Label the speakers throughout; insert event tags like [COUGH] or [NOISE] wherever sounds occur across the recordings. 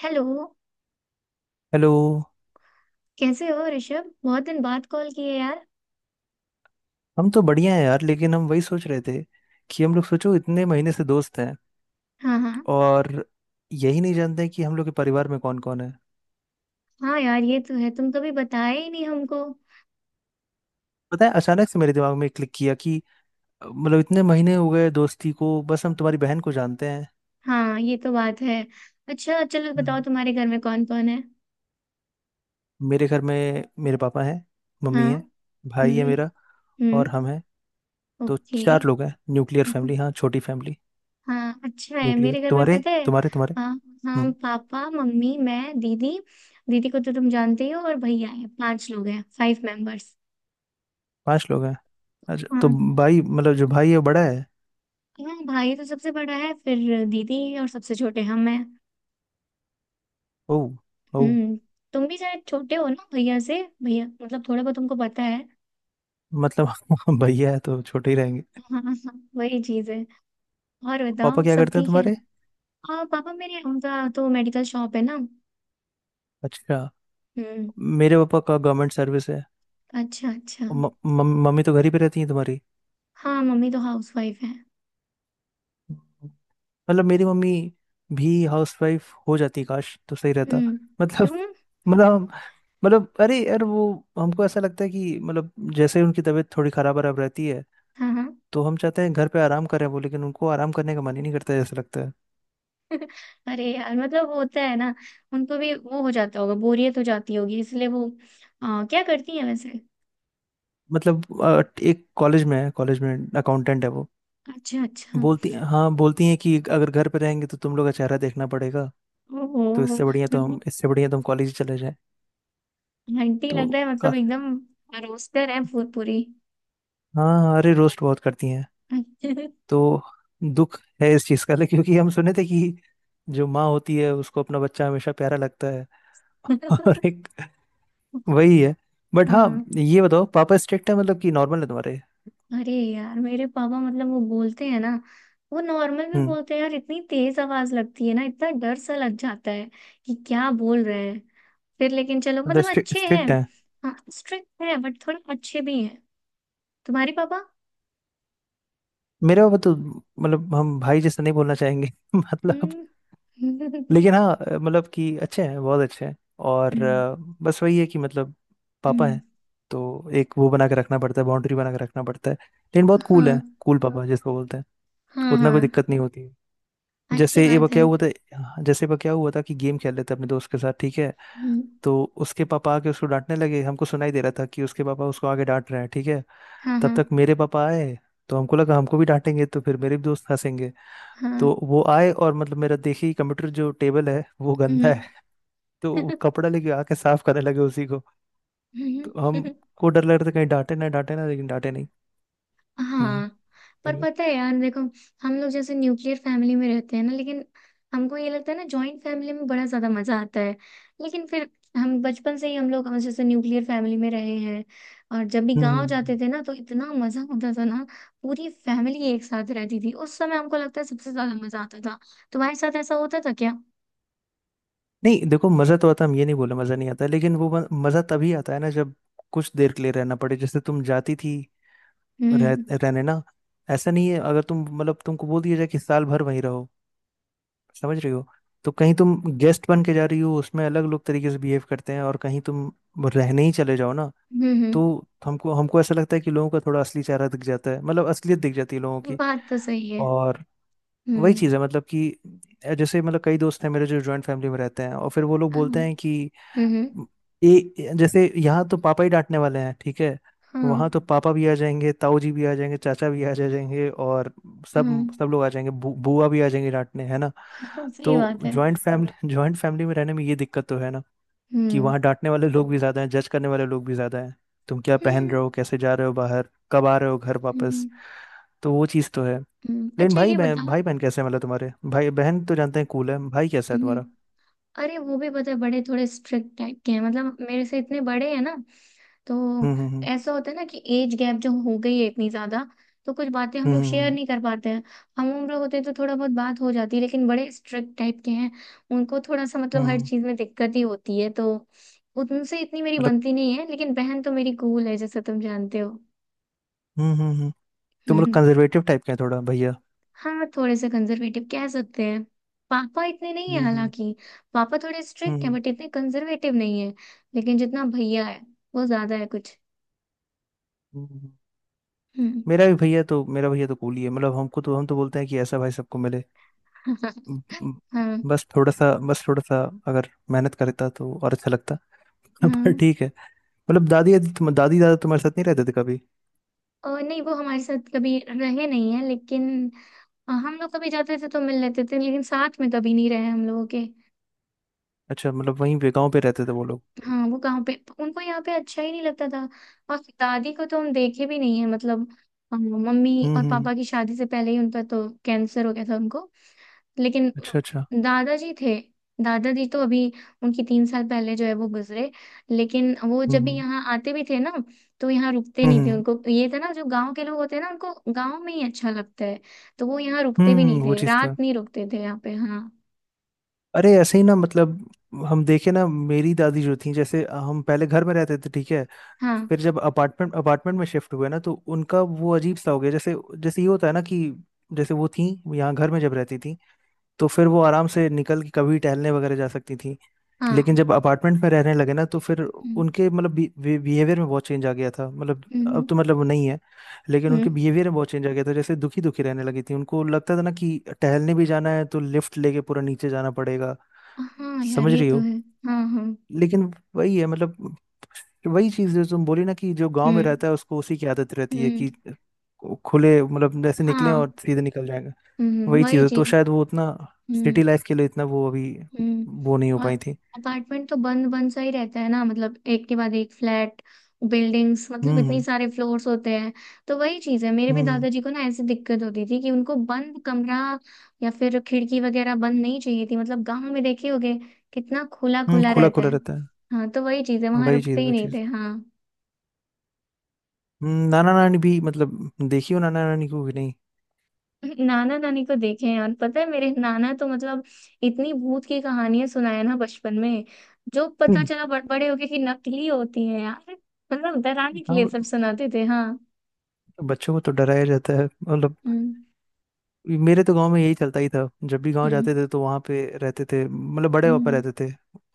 Speaker 1: Hello.
Speaker 2: Hello.
Speaker 1: कैसे हो ऋषभ? बहुत दिन बाद कॉल किए यार।
Speaker 2: हम तो बढ़िया हैं यार, लेकिन हम वही सोच रहे थे कि हम लोग सोचो इतने महीने से दोस्त हैं
Speaker 1: हाँ हाँ।
Speaker 2: और यही नहीं जानते हैं कि हम लोग के परिवार में कौन कौन है।
Speaker 1: हाँ यार, ये तो है, तुम कभी बताए ही नहीं हमको।
Speaker 2: पता है, अचानक से मेरे दिमाग में क्लिक किया कि मतलब इतने महीने हो गए दोस्ती को, बस हम तुम्हारी बहन को जानते हैं।
Speaker 1: हाँ ये तो बात है। अच्छा चलो बताओ
Speaker 2: हम्म।
Speaker 1: तुम्हारे घर में कौन कौन है।
Speaker 2: मेरे घर में मेरे पापा हैं, मम्मी
Speaker 1: हाँ।
Speaker 2: है, भाई है
Speaker 1: हम्म।
Speaker 2: मेरा और
Speaker 1: हम्म।
Speaker 2: हम हैं। तो
Speaker 1: ओके।
Speaker 2: चार लोग हैं, न्यूक्लियर
Speaker 1: हाँ हाँ।
Speaker 2: फैमिली, हाँ छोटी फैमिली।
Speaker 1: हाँ, अच्छा है।
Speaker 2: न्यूक्लियर
Speaker 1: मेरे घर में
Speaker 2: तुम्हारे
Speaker 1: पता है,
Speaker 2: तुम्हारे तुम्हारे।
Speaker 1: हाँ हाँ,
Speaker 2: हम्म,
Speaker 1: पापा मम्मी मैं दीदी। दीदी को तो तुम जानते ही हो और भैया है, पांच लोग हैं, फाइव मेंबर्स।
Speaker 2: पांच लोग हैं। अच्छा तो
Speaker 1: हाँ।
Speaker 2: भाई मतलब जो भाई है वो बड़ा है।
Speaker 1: हाँ भाई तो सबसे बड़ा है, फिर दीदी और सबसे छोटे हम हैं।
Speaker 2: ओ।
Speaker 1: हम्म। तुम भी शायद छोटे हो ना भैया से, भैया मतलब थोड़ा बहुत तुमको पता है।
Speaker 2: मतलब [LAUGHS] भैया है तो छोटे ही रहेंगे।
Speaker 1: [LAUGHS] हाँ हाँ वही चीज है। और
Speaker 2: पापा
Speaker 1: बताओ
Speaker 2: क्या
Speaker 1: सब
Speaker 2: करते हैं
Speaker 1: ठीक है?
Speaker 2: तुम्हारे?
Speaker 1: और पापा मेरे, उनका तो मेडिकल शॉप है ना।
Speaker 2: अच्छा,
Speaker 1: हम्म।
Speaker 2: मेरे पापा का गवर्नमेंट सर्विस है।
Speaker 1: अच्छा अच्छा।
Speaker 2: और मम्मी तो घर ही पे रहती है तुम्हारी?
Speaker 1: हाँ मम्मी तो हाउस वाइफ है।
Speaker 2: मतलब मेरी मम्मी भी हाउसवाइफ हो जाती काश तो सही रहता।
Speaker 1: हम्म।
Speaker 2: मतलब
Speaker 1: क्यों?
Speaker 2: मतलब मतलब अरे यार वो, हमको ऐसा लगता है कि मतलब जैसे उनकी तबीयत थोड़ी खराब खराब रहती है।
Speaker 1: हाँ हाँ।
Speaker 2: तो हम चाहते हैं घर पे आराम करें वो, लेकिन उनको आराम करने का मन ही नहीं करता है, ऐसा लगता है।
Speaker 1: अरे यार मतलब वो होता है ना, उनको भी वो हो जाता होगा, बोरियत हो जाती होगी इसलिए वो। क्या करती है वैसे?
Speaker 2: मतलब एक कॉलेज में है, कॉलेज में अकाउंटेंट है वो।
Speaker 1: अच्छा अच्छा।
Speaker 2: बोलती हाँ, बोलती हैं कि अगर घर पे रहेंगे तो तुम लोग का चेहरा देखना पड़ेगा। तो
Speaker 1: ओह।
Speaker 2: इससे बढ़िया तो
Speaker 1: [LAUGHS]
Speaker 2: हम, इससे बढ़िया तो हम कॉलेज चले जाएं।
Speaker 1: आंटी
Speaker 2: तो
Speaker 1: लग रहा है मतलब
Speaker 2: काफी।
Speaker 1: एकदम। रोस्टर है पूरी।
Speaker 2: हाँ हाँ, अरे रोस्ट बहुत करती हैं।
Speaker 1: [LAUGHS]
Speaker 2: तो दुख है इस चीज़ का [LAUGHS] लेकिन क्योंकि हम सुने थे कि जो माँ होती है उसको अपना बच्चा हमेशा प्यारा लगता है। [LAUGHS] और
Speaker 1: [LAUGHS]
Speaker 2: एक वही है। बट हाँ,
Speaker 1: हाँ।
Speaker 2: ये बताओ पापा स्ट्रिक्ट है मतलब कि नॉर्मल है तुम्हारे?
Speaker 1: अरे यार मेरे पापा मतलब वो बोलते हैं ना, वो नॉर्मल में
Speaker 2: हम्म।
Speaker 1: बोलते हैं यार, इतनी तेज आवाज लगती है ना, इतना डर सा लग जाता है कि क्या बोल रहे हैं। फिर लेकिन चलो
Speaker 2: मतलब
Speaker 1: मतलब
Speaker 2: स्ट्रिक्ट
Speaker 1: अच्छे हैं।
Speaker 2: स्ट्रिक्ट है।
Speaker 1: हाँ स्ट्रिक्ट है बट थोड़े अच्छे भी हैं। तुम्हारे पापा?
Speaker 2: मेरे पापा तो मतलब हम भाई जैसा नहीं बोलना चाहेंगे [LAUGHS] मतलब
Speaker 1: हम्म।
Speaker 2: लेकिन
Speaker 1: [LAUGHS]
Speaker 2: हाँ मतलब कि अच्छे हैं बहुत अच्छे हैं। और
Speaker 1: हम्म।
Speaker 2: बस वही है कि मतलब पापा
Speaker 1: हम्म।
Speaker 2: हैं। तो एक वो बना के रखना पड़ता है, बाउंड्री बना के रखना पड़ता है, लेकिन बहुत कूल
Speaker 1: हाँ
Speaker 2: है, कूल पापा जिसको बोलते हैं।
Speaker 1: हाँ।
Speaker 2: उतना
Speaker 1: हाँ,
Speaker 2: कोई दिक्कत नहीं होती है।
Speaker 1: अच्छी
Speaker 2: जैसे एक बार
Speaker 1: बात
Speaker 2: क्या
Speaker 1: है।
Speaker 2: हुआ था। हाँ, जैसे एक बार क्या हुआ था कि गेम खेल रहे थे अपने दोस्त के साथ, ठीक है।
Speaker 1: हम्म।
Speaker 2: तो उसके पापा आके उसको डांटने लगे, हमको सुनाई दे रहा था कि उसके पापा उसको आगे डांट रहे हैं, ठीक है।
Speaker 1: हाँ
Speaker 2: तब तक
Speaker 1: हाँ
Speaker 2: मेरे पापा आए। तो हमको लगा हमको भी डांटेंगे तो फिर मेरे भी दोस्त हंसेंगे। तो
Speaker 1: हाँ।
Speaker 2: वो आए और मतलब मेरा देखिए कंप्यूटर जो टेबल है वो
Speaker 1: हम्म।
Speaker 2: गंदा है। तो वो कपड़ा लेके आके साफ करने लगे उसी को। तो
Speaker 1: [LAUGHS] [LAUGHS]
Speaker 2: हमको डर लग रहा था कहीं डांटे ना, डांटे ना, लेकिन डांटे नहीं। हम्म।
Speaker 1: हाँ। पर
Speaker 2: अरे।
Speaker 1: पता है यार देखो, हम लोग जैसे न्यूक्लियर फैमिली में रहते हैं ना, लेकिन हमको ये लगता है ना जॉइंट फैमिली में बड़ा ज्यादा मजा आता है। लेकिन फिर हम बचपन से ही हम लोग जैसे न्यूक्लियर फैमिली में रहे हैं। और जब भी गांव
Speaker 2: हम्म।
Speaker 1: जाते थे ना तो इतना मजा होता था ना। पूरी फैमिली एक साथ रहती थी उस समय, हमको लगता है सबसे ज्यादा मजा आता था। तुम्हारे साथ ऐसा होता था क्या?
Speaker 2: नहीं देखो, मजा तो आता है, हम ये नहीं बोले मजा नहीं आता है, लेकिन वो मजा तभी आता है ना जब कुछ देर के लिए रहना पड़े, जैसे तुम जाती थी।
Speaker 1: हम्म
Speaker 2: रहने ना। ऐसा नहीं है, अगर तुम मतलब तुमको बोल दिया जाए कि साल भर वहीं रहो, समझ रही हो। तो कहीं तुम गेस्ट बन के जा रही हो उसमें अलग लोग तरीके से बिहेव करते हैं और कहीं तुम रहने ही चले जाओ ना।
Speaker 1: हम्म।
Speaker 2: तो हमको हमको ऐसा लगता है कि लोगों का थोड़ा असली चेहरा दिख जाता है, मतलब असलियत दिख जाती है लोगों की।
Speaker 1: बात तो सही है।
Speaker 2: और वही
Speaker 1: हम्म।
Speaker 2: चीज़ है मतलब कि जैसे मतलब कई दोस्त हैं मेरे जो जॉइंट फैमिली में रहते हैं और फिर वो लोग
Speaker 1: हाँ।
Speaker 2: बोलते हैं कि
Speaker 1: हम्म।
Speaker 2: जैसे यहाँ तो पापा ही डांटने वाले हैं, ठीक है।
Speaker 1: हाँ
Speaker 2: वहाँ तो पापा भी आ जाएंगे, ताऊ जी भी आ जाएंगे, चाचा भी आ जाएंगे और
Speaker 1: हाँ।
Speaker 2: सब सब लोग आ जाएंगे, बुआ भी आ जाएंगे डांटने, है ना।
Speaker 1: हाँ,
Speaker 2: तो
Speaker 1: सही बात है।
Speaker 2: जॉइंट फैमिली, जॉइंट फैमिली [LAUGHS] में रहने में ये दिक्कत तो है ना कि
Speaker 1: हम्म।
Speaker 2: वहाँ डांटने वाले लोग भी ज्यादा हैं, जज करने वाले लोग भी ज्यादा हैं। तुम क्या पहन
Speaker 1: हम्म
Speaker 2: रहे हो, कैसे जा रहे हो बाहर, कब आ रहे हो घर वापस।
Speaker 1: हम्म।
Speaker 2: तो वो चीज़ तो है।
Speaker 1: हम्म।
Speaker 2: लेकिन
Speaker 1: अच्छा
Speaker 2: भाई
Speaker 1: ये
Speaker 2: बहन, भाई
Speaker 1: बताओ।
Speaker 2: बहन कैसे हैं मतलब तुम्हारे? भाई बहन तो जानते हैं, कूल है, भाई कैसा है
Speaker 1: हम्म।
Speaker 2: तुम्हारा?
Speaker 1: अरे वो भी पता है, बड़े थोड़े स्ट्रिक्ट टाइप के हैं मतलब, मेरे से इतने बड़े हैं ना, तो
Speaker 2: हम्म हम्म हम्म
Speaker 1: ऐसा होता है ना कि एज गैप जो हो गई है इतनी ज्यादा, तो कुछ बातें हम लोग शेयर
Speaker 2: हम्म
Speaker 1: नहीं कर पाते हैं। हम उम्र होते तो थोड़ा बहुत बात हो जाती है, लेकिन बड़े स्ट्रिक्ट टाइप के हैं। उनको थोड़ा सा
Speaker 2: हम्म
Speaker 1: मतलब
Speaker 2: हम्म,
Speaker 1: हर
Speaker 2: हम्म,
Speaker 1: चीज में दिक्कत ही होती है, तो उनसे इतनी मेरी
Speaker 2: मतलब
Speaker 1: बनती नहीं है। लेकिन बहन तो मेरी कूल है, जैसे तुम जानते हो।
Speaker 2: हम्म हम्म हम्म। तुम लोग
Speaker 1: हम्म।
Speaker 2: कंजर्वेटिव टाइप के हैं थोड़ा भैया?
Speaker 1: हाँ, थोड़े से कंजर्वेटिव कह सकते हैं। पापा इतने नहीं है
Speaker 2: हम्म हम्म
Speaker 1: हालांकि। पापा थोड़े
Speaker 2: हम्म
Speaker 1: स्ट्रिक्ट हैं
Speaker 2: हम्म,
Speaker 1: बट इतने कंजर्वेटिव नहीं है। लेकिन जितना भैया है वो ज्यादा है कुछ।
Speaker 2: हम्म।
Speaker 1: हम्म।
Speaker 2: मेरा भी भैया तो, मेरा भैया तो कूल ही है, मतलब हमको तो, हम तो बोलते हैं कि ऐसा भाई सबको मिले।
Speaker 1: [LAUGHS]
Speaker 2: ब- ब-
Speaker 1: हाँ
Speaker 2: बस थोड़ा सा, बस थोड़ा सा अगर मेहनत करता तो और अच्छा लगता। [LAUGHS] पर
Speaker 1: हाँ।
Speaker 2: ठीक है। मतलब दादी दादी दादी दादा तुम्हारे साथ नहीं रहते थे कभी?
Speaker 1: और नहीं, वो हमारे साथ कभी रहे नहीं है लेकिन हम लोग कभी जाते थे तो मिल लेते थे, लेकिन साथ में कभी नहीं रहे हम लोगों के।
Speaker 2: अच्छा, मतलब वहीं पे गाँव पे रहते थे वो लोग।
Speaker 1: हाँ वो कहाँ पे, उनको यहाँ पे अच्छा ही नहीं लगता था। और दादी को तो हम देखे भी नहीं है, मतलब मम्मी
Speaker 2: हम्म
Speaker 1: और
Speaker 2: हम्म हम्म।
Speaker 1: पापा की शादी से पहले ही उनका तो कैंसर हो गया था उनको। लेकिन
Speaker 2: अच्छा अच्छा।
Speaker 1: दादाजी थे। दादाजी तो अभी, उनकी तीन साल पहले जो है वो गुजरे। लेकिन वो
Speaker 2: हम्म
Speaker 1: जब भी
Speaker 2: हम्म
Speaker 1: यहाँ आते भी थे ना, तो यहाँ रुकते नहीं थे।
Speaker 2: हम्म
Speaker 1: उनको ये था ना, जो गांव के लोग होते हैं ना उनको गांव में ही अच्छा लगता है। तो वो यहाँ रुकते भी नहीं
Speaker 2: वो
Speaker 1: थे,
Speaker 2: चीज़ तो है।
Speaker 1: रात नहीं रुकते थे यहाँ पे, हाँ।
Speaker 2: अरे ऐसे ही ना मतलब, हम देखे ना मेरी दादी जो थी, जैसे हम पहले घर में रहते थे, ठीक है।
Speaker 1: हाँ
Speaker 2: फिर जब अपार्टमेंट, अपार्टमेंट में शिफ्ट हुए ना तो उनका वो अजीब सा हो गया। जैसे, जैसे ये होता है ना कि जैसे वो थी, यहाँ घर में जब रहती थी तो फिर वो आराम से निकल के कभी टहलने वगैरह जा सकती थी। लेकिन
Speaker 1: हाँ।
Speaker 2: जब अपार्टमेंट में रहने लगे ना तो फिर
Speaker 1: हम्म
Speaker 2: उनके मतलब बिहेवियर में बहुत चेंज आ गया था, मतलब अब
Speaker 1: हम्म
Speaker 2: तो मतलब वो नहीं है। लेकिन
Speaker 1: हम्म।
Speaker 2: उनके बिहेवियर में बहुत चेंज आ गया था, जैसे दुखी दुखी रहने लगी थी, उनको लगता था ना कि टहलने भी जाना है तो लिफ्ट लेके पूरा नीचे जाना पड़ेगा,
Speaker 1: हाँ यार
Speaker 2: समझ
Speaker 1: ये
Speaker 2: रही
Speaker 1: तो
Speaker 2: हो।
Speaker 1: है। हाँ हाँ।
Speaker 2: लेकिन वही है मतलब, वही चीज जो तुम बोली ना कि जो गांव में
Speaker 1: हम्म
Speaker 2: रहता है उसको उसी की आदत रहती है
Speaker 1: हम्म।
Speaker 2: कि खुले, मतलब जैसे निकलें
Speaker 1: हाँ।
Speaker 2: और सीधे निकल जाएंगे। वही चीज
Speaker 1: वही
Speaker 2: है, तो
Speaker 1: चीज।
Speaker 2: शायद वो उतना
Speaker 1: हम्म।
Speaker 2: सिटी लाइफ के लिए इतना वो अभी वो नहीं हो
Speaker 1: हम्म। और
Speaker 2: पाई थी।
Speaker 1: अपार्टमेंट तो बंद बंद सा ही रहता है ना, मतलब एक के बाद एक फ्लैट। बिल्डिंग्स मतलब
Speaker 2: हम्म
Speaker 1: इतनी
Speaker 2: हम्म
Speaker 1: सारे फ्लोर्स होते हैं। तो वही चीज है, मेरे भी
Speaker 2: हम्म।
Speaker 1: दादाजी को ना ऐसी दिक्कत होती थी कि उनको बंद कमरा या फिर खिड़की वगैरह बंद नहीं चाहिए थी। मतलब गांव में देखे होगे कितना खुला
Speaker 2: हम्म,
Speaker 1: खुला
Speaker 2: खुला
Speaker 1: रहता
Speaker 2: खुला
Speaker 1: है।
Speaker 2: रहता है।
Speaker 1: हाँ तो वही चीज है, वहां
Speaker 2: वही
Speaker 1: रुकते
Speaker 2: चीज,
Speaker 1: ही
Speaker 2: वही
Speaker 1: नहीं
Speaker 2: चीज।
Speaker 1: थे, हाँ।
Speaker 2: नाना नानी भी मतलब देखी हो नाना नानी को कि नहीं?
Speaker 1: नाना नानी को देखे हैं यार। पता है मेरे नाना तो मतलब, इतनी भूत की कहानियां सुनाए ना बचपन में, जो पता
Speaker 2: हम्म,
Speaker 1: चला बड़े होके कि नकली होती हैं यार। मतलब डराने के
Speaker 2: हाँ
Speaker 1: लिए सब
Speaker 2: मतलब
Speaker 1: सुनाते थे, हाँ।
Speaker 2: बच्चों को तो डराया जाता है मतलब।
Speaker 1: हम्म
Speaker 2: मेरे तो गांव में यही चलता ही था, जब भी गांव
Speaker 1: हम्म
Speaker 2: जाते थे तो वहां पे रहते थे मतलब बड़े पापा
Speaker 1: हम्म।
Speaker 2: रहते थे।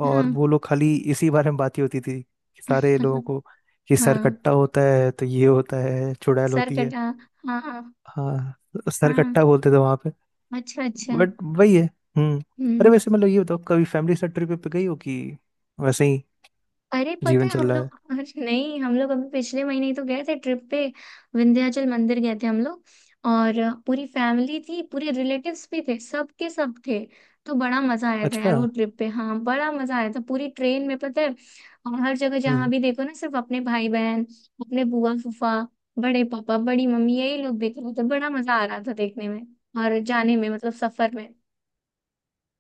Speaker 2: और
Speaker 1: हाँ।
Speaker 2: वो लोग खाली इसी बारे में बात ही होती थी कि सारे लोगों
Speaker 1: [LAUGHS]
Speaker 2: को कि सर
Speaker 1: हाँ
Speaker 2: कट्टा होता है तो ये होता है, चुड़ैल
Speaker 1: सर
Speaker 2: होती है।
Speaker 1: कटा। हाँ
Speaker 2: हाँ सर
Speaker 1: हाँ।
Speaker 2: कट्टा बोलते थे वहां पे।
Speaker 1: अच्छा अच्छा।
Speaker 2: बट वही है। हम्म। अरे
Speaker 1: हम्म।
Speaker 2: वैसे मतलब ये बताओ कभी फैमिली से ट्रिप पे गई हो कि वैसे ही
Speaker 1: अरे पता
Speaker 2: जीवन
Speaker 1: है
Speaker 2: चल
Speaker 1: हम
Speaker 2: रहा है।
Speaker 1: लोग [LAUGHS] अरे नहीं, हम लोग अभी पिछले महीने ही तो गए थे ट्रिप पे। विंध्याचल मंदिर गए थे हम लोग। और पूरी फैमिली थी, पूरे रिलेटिव्स भी थे, सब के सब थे। तो बड़ा मजा आया था यार
Speaker 2: अच्छा।
Speaker 1: वो ट्रिप पे। हाँ बड़ा मजा आया था। पूरी ट्रेन में पता है, और हर जगह जहाँ
Speaker 2: हम्म
Speaker 1: भी देखो ना, सिर्फ अपने भाई बहन, अपने बुआ फूफा, बड़े पापा बड़ी मम्मी, यही लोग देख रहे थे। बड़ा मजा आ रहा था देखने में, और जाने में मतलब सफर में।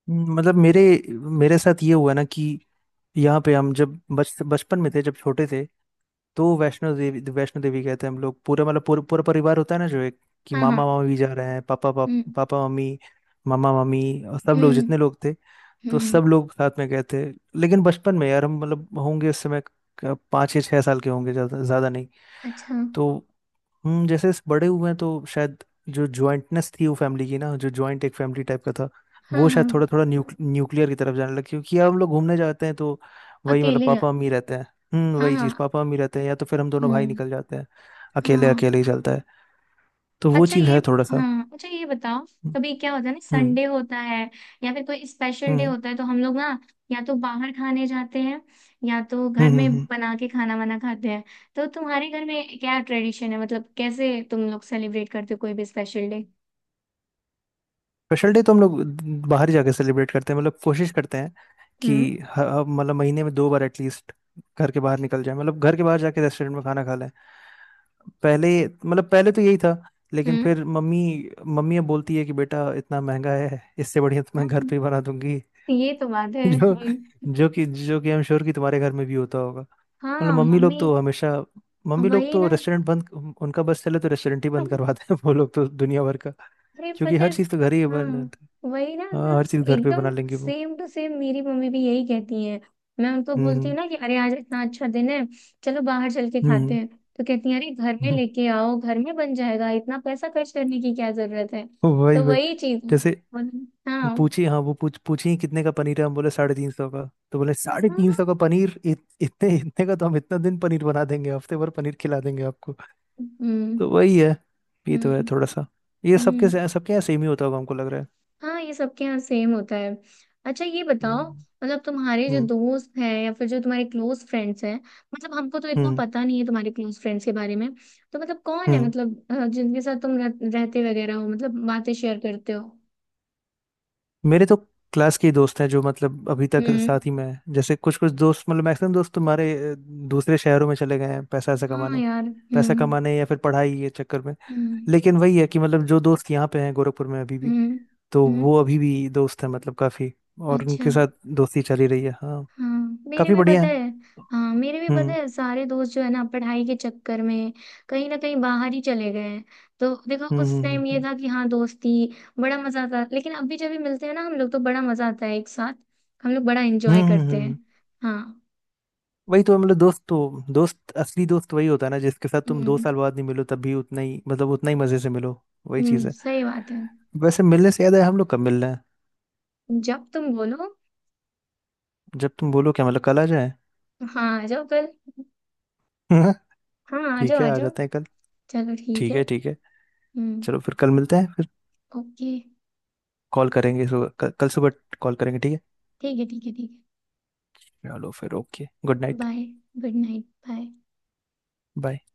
Speaker 2: मतलब मेरे, साथ ये हुआ ना कि यहाँ पे हम जब बच बचपन में थे, जब छोटे थे तो वैष्णो देवी, वैष्णो देवी गए थे हम लोग, पूरा मतलब पूरा पूरा परिवार होता है ना जो एक, कि
Speaker 1: हाँ
Speaker 2: मामा
Speaker 1: हाँ।
Speaker 2: मामी भी जा रहे हैं,
Speaker 1: हम्म
Speaker 2: पापा मम्मी, मामा मामी और सब लोग
Speaker 1: हम्म
Speaker 2: जितने लोग थे, तो
Speaker 1: हम्म।
Speaker 2: सब लोग साथ में गए थे। लेकिन बचपन में यार हम मतलब होंगे उस समय पाँच या छह साल के होंगे, ज़्यादा ज़्यादा नहीं।
Speaker 1: अच्छा।
Speaker 2: तो हम जैसे इस बड़े हुए हैं तो शायद जो ज्वाइंटनेस थी वो फैमिली की ना, जो ज्वाइंट एक फैमिली टाइप का था,
Speaker 1: हाँ
Speaker 2: वो
Speaker 1: हाँ।
Speaker 2: शायद थोड़ा थोड़ा न्यूक्लियर की तरफ जाने लगा, क्योंकि अब हम लोग घूमने जाते हैं तो वही मतलब
Speaker 1: अकेले
Speaker 2: पापा
Speaker 1: जाते।
Speaker 2: मम्मी रहते हैं। हम्म,
Speaker 1: हाँ
Speaker 2: वही चीज़
Speaker 1: हाँ।
Speaker 2: पापा मम्मी रहते हैं या तो फिर हम दोनों भाई
Speaker 1: हम्म।
Speaker 2: निकल जाते हैं। अकेले,
Speaker 1: हाँ
Speaker 2: अकेले ही चलता है। तो वो
Speaker 1: अच्छा
Speaker 2: चीज़
Speaker 1: ये,
Speaker 2: है थोड़ा सा।
Speaker 1: हाँ अच्छा ये बताओ, कभी क्या होता है ना,
Speaker 2: हम्म
Speaker 1: संडे होता है या फिर कोई स्पेशल डे
Speaker 2: हम्म
Speaker 1: होता है तो हम लोग ना, या तो बाहर खाने जाते हैं, या तो घर
Speaker 2: हम्म हम्म
Speaker 1: में
Speaker 2: हम्म,
Speaker 1: बना के खाना वाना खाते हैं। तो तुम्हारे घर में क्या ट्रेडिशन है, मतलब कैसे तुम लोग सेलिब्रेट करते हो कोई भी स्पेशल डे?
Speaker 2: स्पेशल डे तो हम लोग बाहर ही जाके सेलिब्रेट करते हैं मतलब कोशिश करते हैं कि
Speaker 1: हम्म
Speaker 2: मतलब महीने में दो बार एटलीस्ट घर के बाहर निकल जाए, मतलब घर के बाहर जाके रेस्टोरेंट में खाना खा लें। पहले, मतलब पहले तो यही था। लेकिन
Speaker 1: हम्म।
Speaker 2: फिर मम्मी, मम्मी अब बोलती है कि बेटा इतना महंगा है, इससे बढ़िया तो मैं घर
Speaker 1: हाँ,
Speaker 2: पे ही बना दूंगी।
Speaker 1: ये तो बात
Speaker 2: [LAUGHS]
Speaker 1: है।
Speaker 2: जो,
Speaker 1: हम्म।
Speaker 2: जो कि आई एम श्योर कि तुम्हारे घर में भी होता होगा। मतलब
Speaker 1: हाँ
Speaker 2: मम्मी लोग
Speaker 1: मम्मी।
Speaker 2: तो हमेशा, मम्मी लोग
Speaker 1: वही
Speaker 2: तो
Speaker 1: ना।
Speaker 2: रेस्टोरेंट बंद, उनका बस चले तो रेस्टोरेंट ही बंद
Speaker 1: [LAUGHS]
Speaker 2: करवाते हैं वो लोग, तो दुनिया भर का,
Speaker 1: अरे
Speaker 2: क्योंकि
Speaker 1: पता है।
Speaker 2: हर चीज़ तो घर ही बन,
Speaker 1: हाँ वही ना
Speaker 2: हाँ
Speaker 1: एकदम।
Speaker 2: हर चीज घर पे बना
Speaker 1: एकदम
Speaker 2: लेंगे वो।
Speaker 1: सेम टू सेम, मेरी मम्मी भी यही कहती है। मैं उनको बोलती हूँ
Speaker 2: हम्म
Speaker 1: ना कि अरे आज इतना अच्छा दिन है, चलो बाहर चल के खाते
Speaker 2: हम्म
Speaker 1: हैं। तो कहती है अरे घर में
Speaker 2: हम्म,
Speaker 1: लेके आओ, घर में बन जाएगा, इतना पैसा खर्च करने की क्या जरूरत है। तो
Speaker 2: वही वही।
Speaker 1: वही चीज है।
Speaker 2: जैसे
Speaker 1: और- हाँ हाँ।
Speaker 2: पूछी हाँ, वो पूछ पूछी, "ये कितने का पनीर है?" हम बोले साढ़े तीन सौ का। तो बोले
Speaker 1: हाँ
Speaker 2: साढ़े
Speaker 1: हाँ।
Speaker 2: तीन सौ का पनीर, इतने इतने का तो हम इतना दिन पनीर बना देंगे, हफ्ते भर पनीर खिला देंगे आपको।
Speaker 1: हम्म
Speaker 2: तो वही है, ये तो है
Speaker 1: हम्म
Speaker 2: थोड़ा सा। ये सबके
Speaker 1: हम्म।
Speaker 2: सबके यहाँ सेम ही होता होगा, हमको लग रहा है।
Speaker 1: हाँ ये सबके यहाँ सेम होता है। अच्छा ये बताओ,
Speaker 2: हम्म
Speaker 1: मतलब तुम्हारे जो दोस्त हैं या फिर जो तुम्हारे क्लोज फ्रेंड्स हैं, मतलब हमको तो इतना
Speaker 2: हम्म
Speaker 1: पता नहीं है तुम्हारे क्लोज फ्रेंड्स के बारे में। तो मतलब कौन है,
Speaker 2: हम्म।
Speaker 1: मतलब जिनके साथ तुम रहते वगैरह हो, मतलब बातें शेयर करते हो।
Speaker 2: मेरे तो क्लास के ही दोस्त हैं जो मतलब अभी तक
Speaker 1: हम्म।
Speaker 2: साथ ही में हैं, जैसे कुछ कुछ दोस्त मतलब मैक्सिमम दोस्त तुम्हारे दूसरे शहरों में चले गए हैं पैसा ऐसा
Speaker 1: हाँ
Speaker 2: कमाने,
Speaker 1: यार।
Speaker 2: पैसा
Speaker 1: हम्म।
Speaker 2: कमाने या फिर पढ़ाई के चक्कर में।
Speaker 1: हम्म
Speaker 2: लेकिन वही है कि मतलब जो दोस्त यहाँ पे हैं गोरखपुर में अभी भी,
Speaker 1: हम्म
Speaker 2: तो
Speaker 1: हम्म।
Speaker 2: वो अभी भी दोस्त हैं मतलब काफी। और
Speaker 1: अच्छा।
Speaker 2: उनके साथ दोस्ती चली रही है, हाँ
Speaker 1: हाँ मेरे
Speaker 2: काफी
Speaker 1: भी
Speaker 2: बढ़िया
Speaker 1: पता
Speaker 2: है।
Speaker 1: है। हाँ मेरे भी पता
Speaker 2: हम्म
Speaker 1: है, सारे दोस्त जो है ना, पढ़ाई के चक्कर में कहीं ना कहीं बाहर ही चले गए हैं। तो देखो
Speaker 2: हम्म
Speaker 1: उस
Speaker 2: हम्म हम्म
Speaker 1: टाइम ये
Speaker 2: हम्म
Speaker 1: था कि हाँ दोस्ती बड़ा मजा आता, लेकिन अभी जब भी मिलते हैं ना हम लोग तो बड़ा मजा आता है एक साथ, हम लोग बड़ा
Speaker 2: हम्म,
Speaker 1: एंजॉय
Speaker 2: हम्म,
Speaker 1: करते हैं।
Speaker 2: हम्म।
Speaker 1: हाँ।
Speaker 2: वही तो है, मतलब दोस्त तो दोस्त, असली दोस्त वही होता है ना जिसके साथ तुम दो
Speaker 1: हम्म।
Speaker 2: साल बाद नहीं मिलो तब भी उतना ही, मतलब उतना ही मजे से मिलो। वही चीज
Speaker 1: हम्म,
Speaker 2: है।
Speaker 1: सही बात है।
Speaker 2: वैसे मिलने से याद है हम लोग कब मिलना है।
Speaker 1: जब तुम बोलो।
Speaker 2: जब तुम बोलो क्या, मतलब कल आ जाए?
Speaker 1: हाँ आ जाओ कल।
Speaker 2: [LAUGHS]
Speaker 1: हाँ आ
Speaker 2: ठीक
Speaker 1: जाओ
Speaker 2: है,
Speaker 1: आ
Speaker 2: आ
Speaker 1: जाओ।
Speaker 2: जाते हैं कल।
Speaker 1: चलो ठीक
Speaker 2: ठीक
Speaker 1: है।
Speaker 2: है, ठीक है।
Speaker 1: हम्म।
Speaker 2: चलो फिर कल मिलते हैं फिर।
Speaker 1: ओके।
Speaker 2: कॉल करेंगे सुबह कल, कल सुबह कॉल करेंगे, ठीक है।
Speaker 1: ठीक है ठीक है ठीक।
Speaker 2: चलो फिर, ओके, गुड
Speaker 1: है
Speaker 2: night.
Speaker 1: Bye. Good night bye.
Speaker 2: Bye.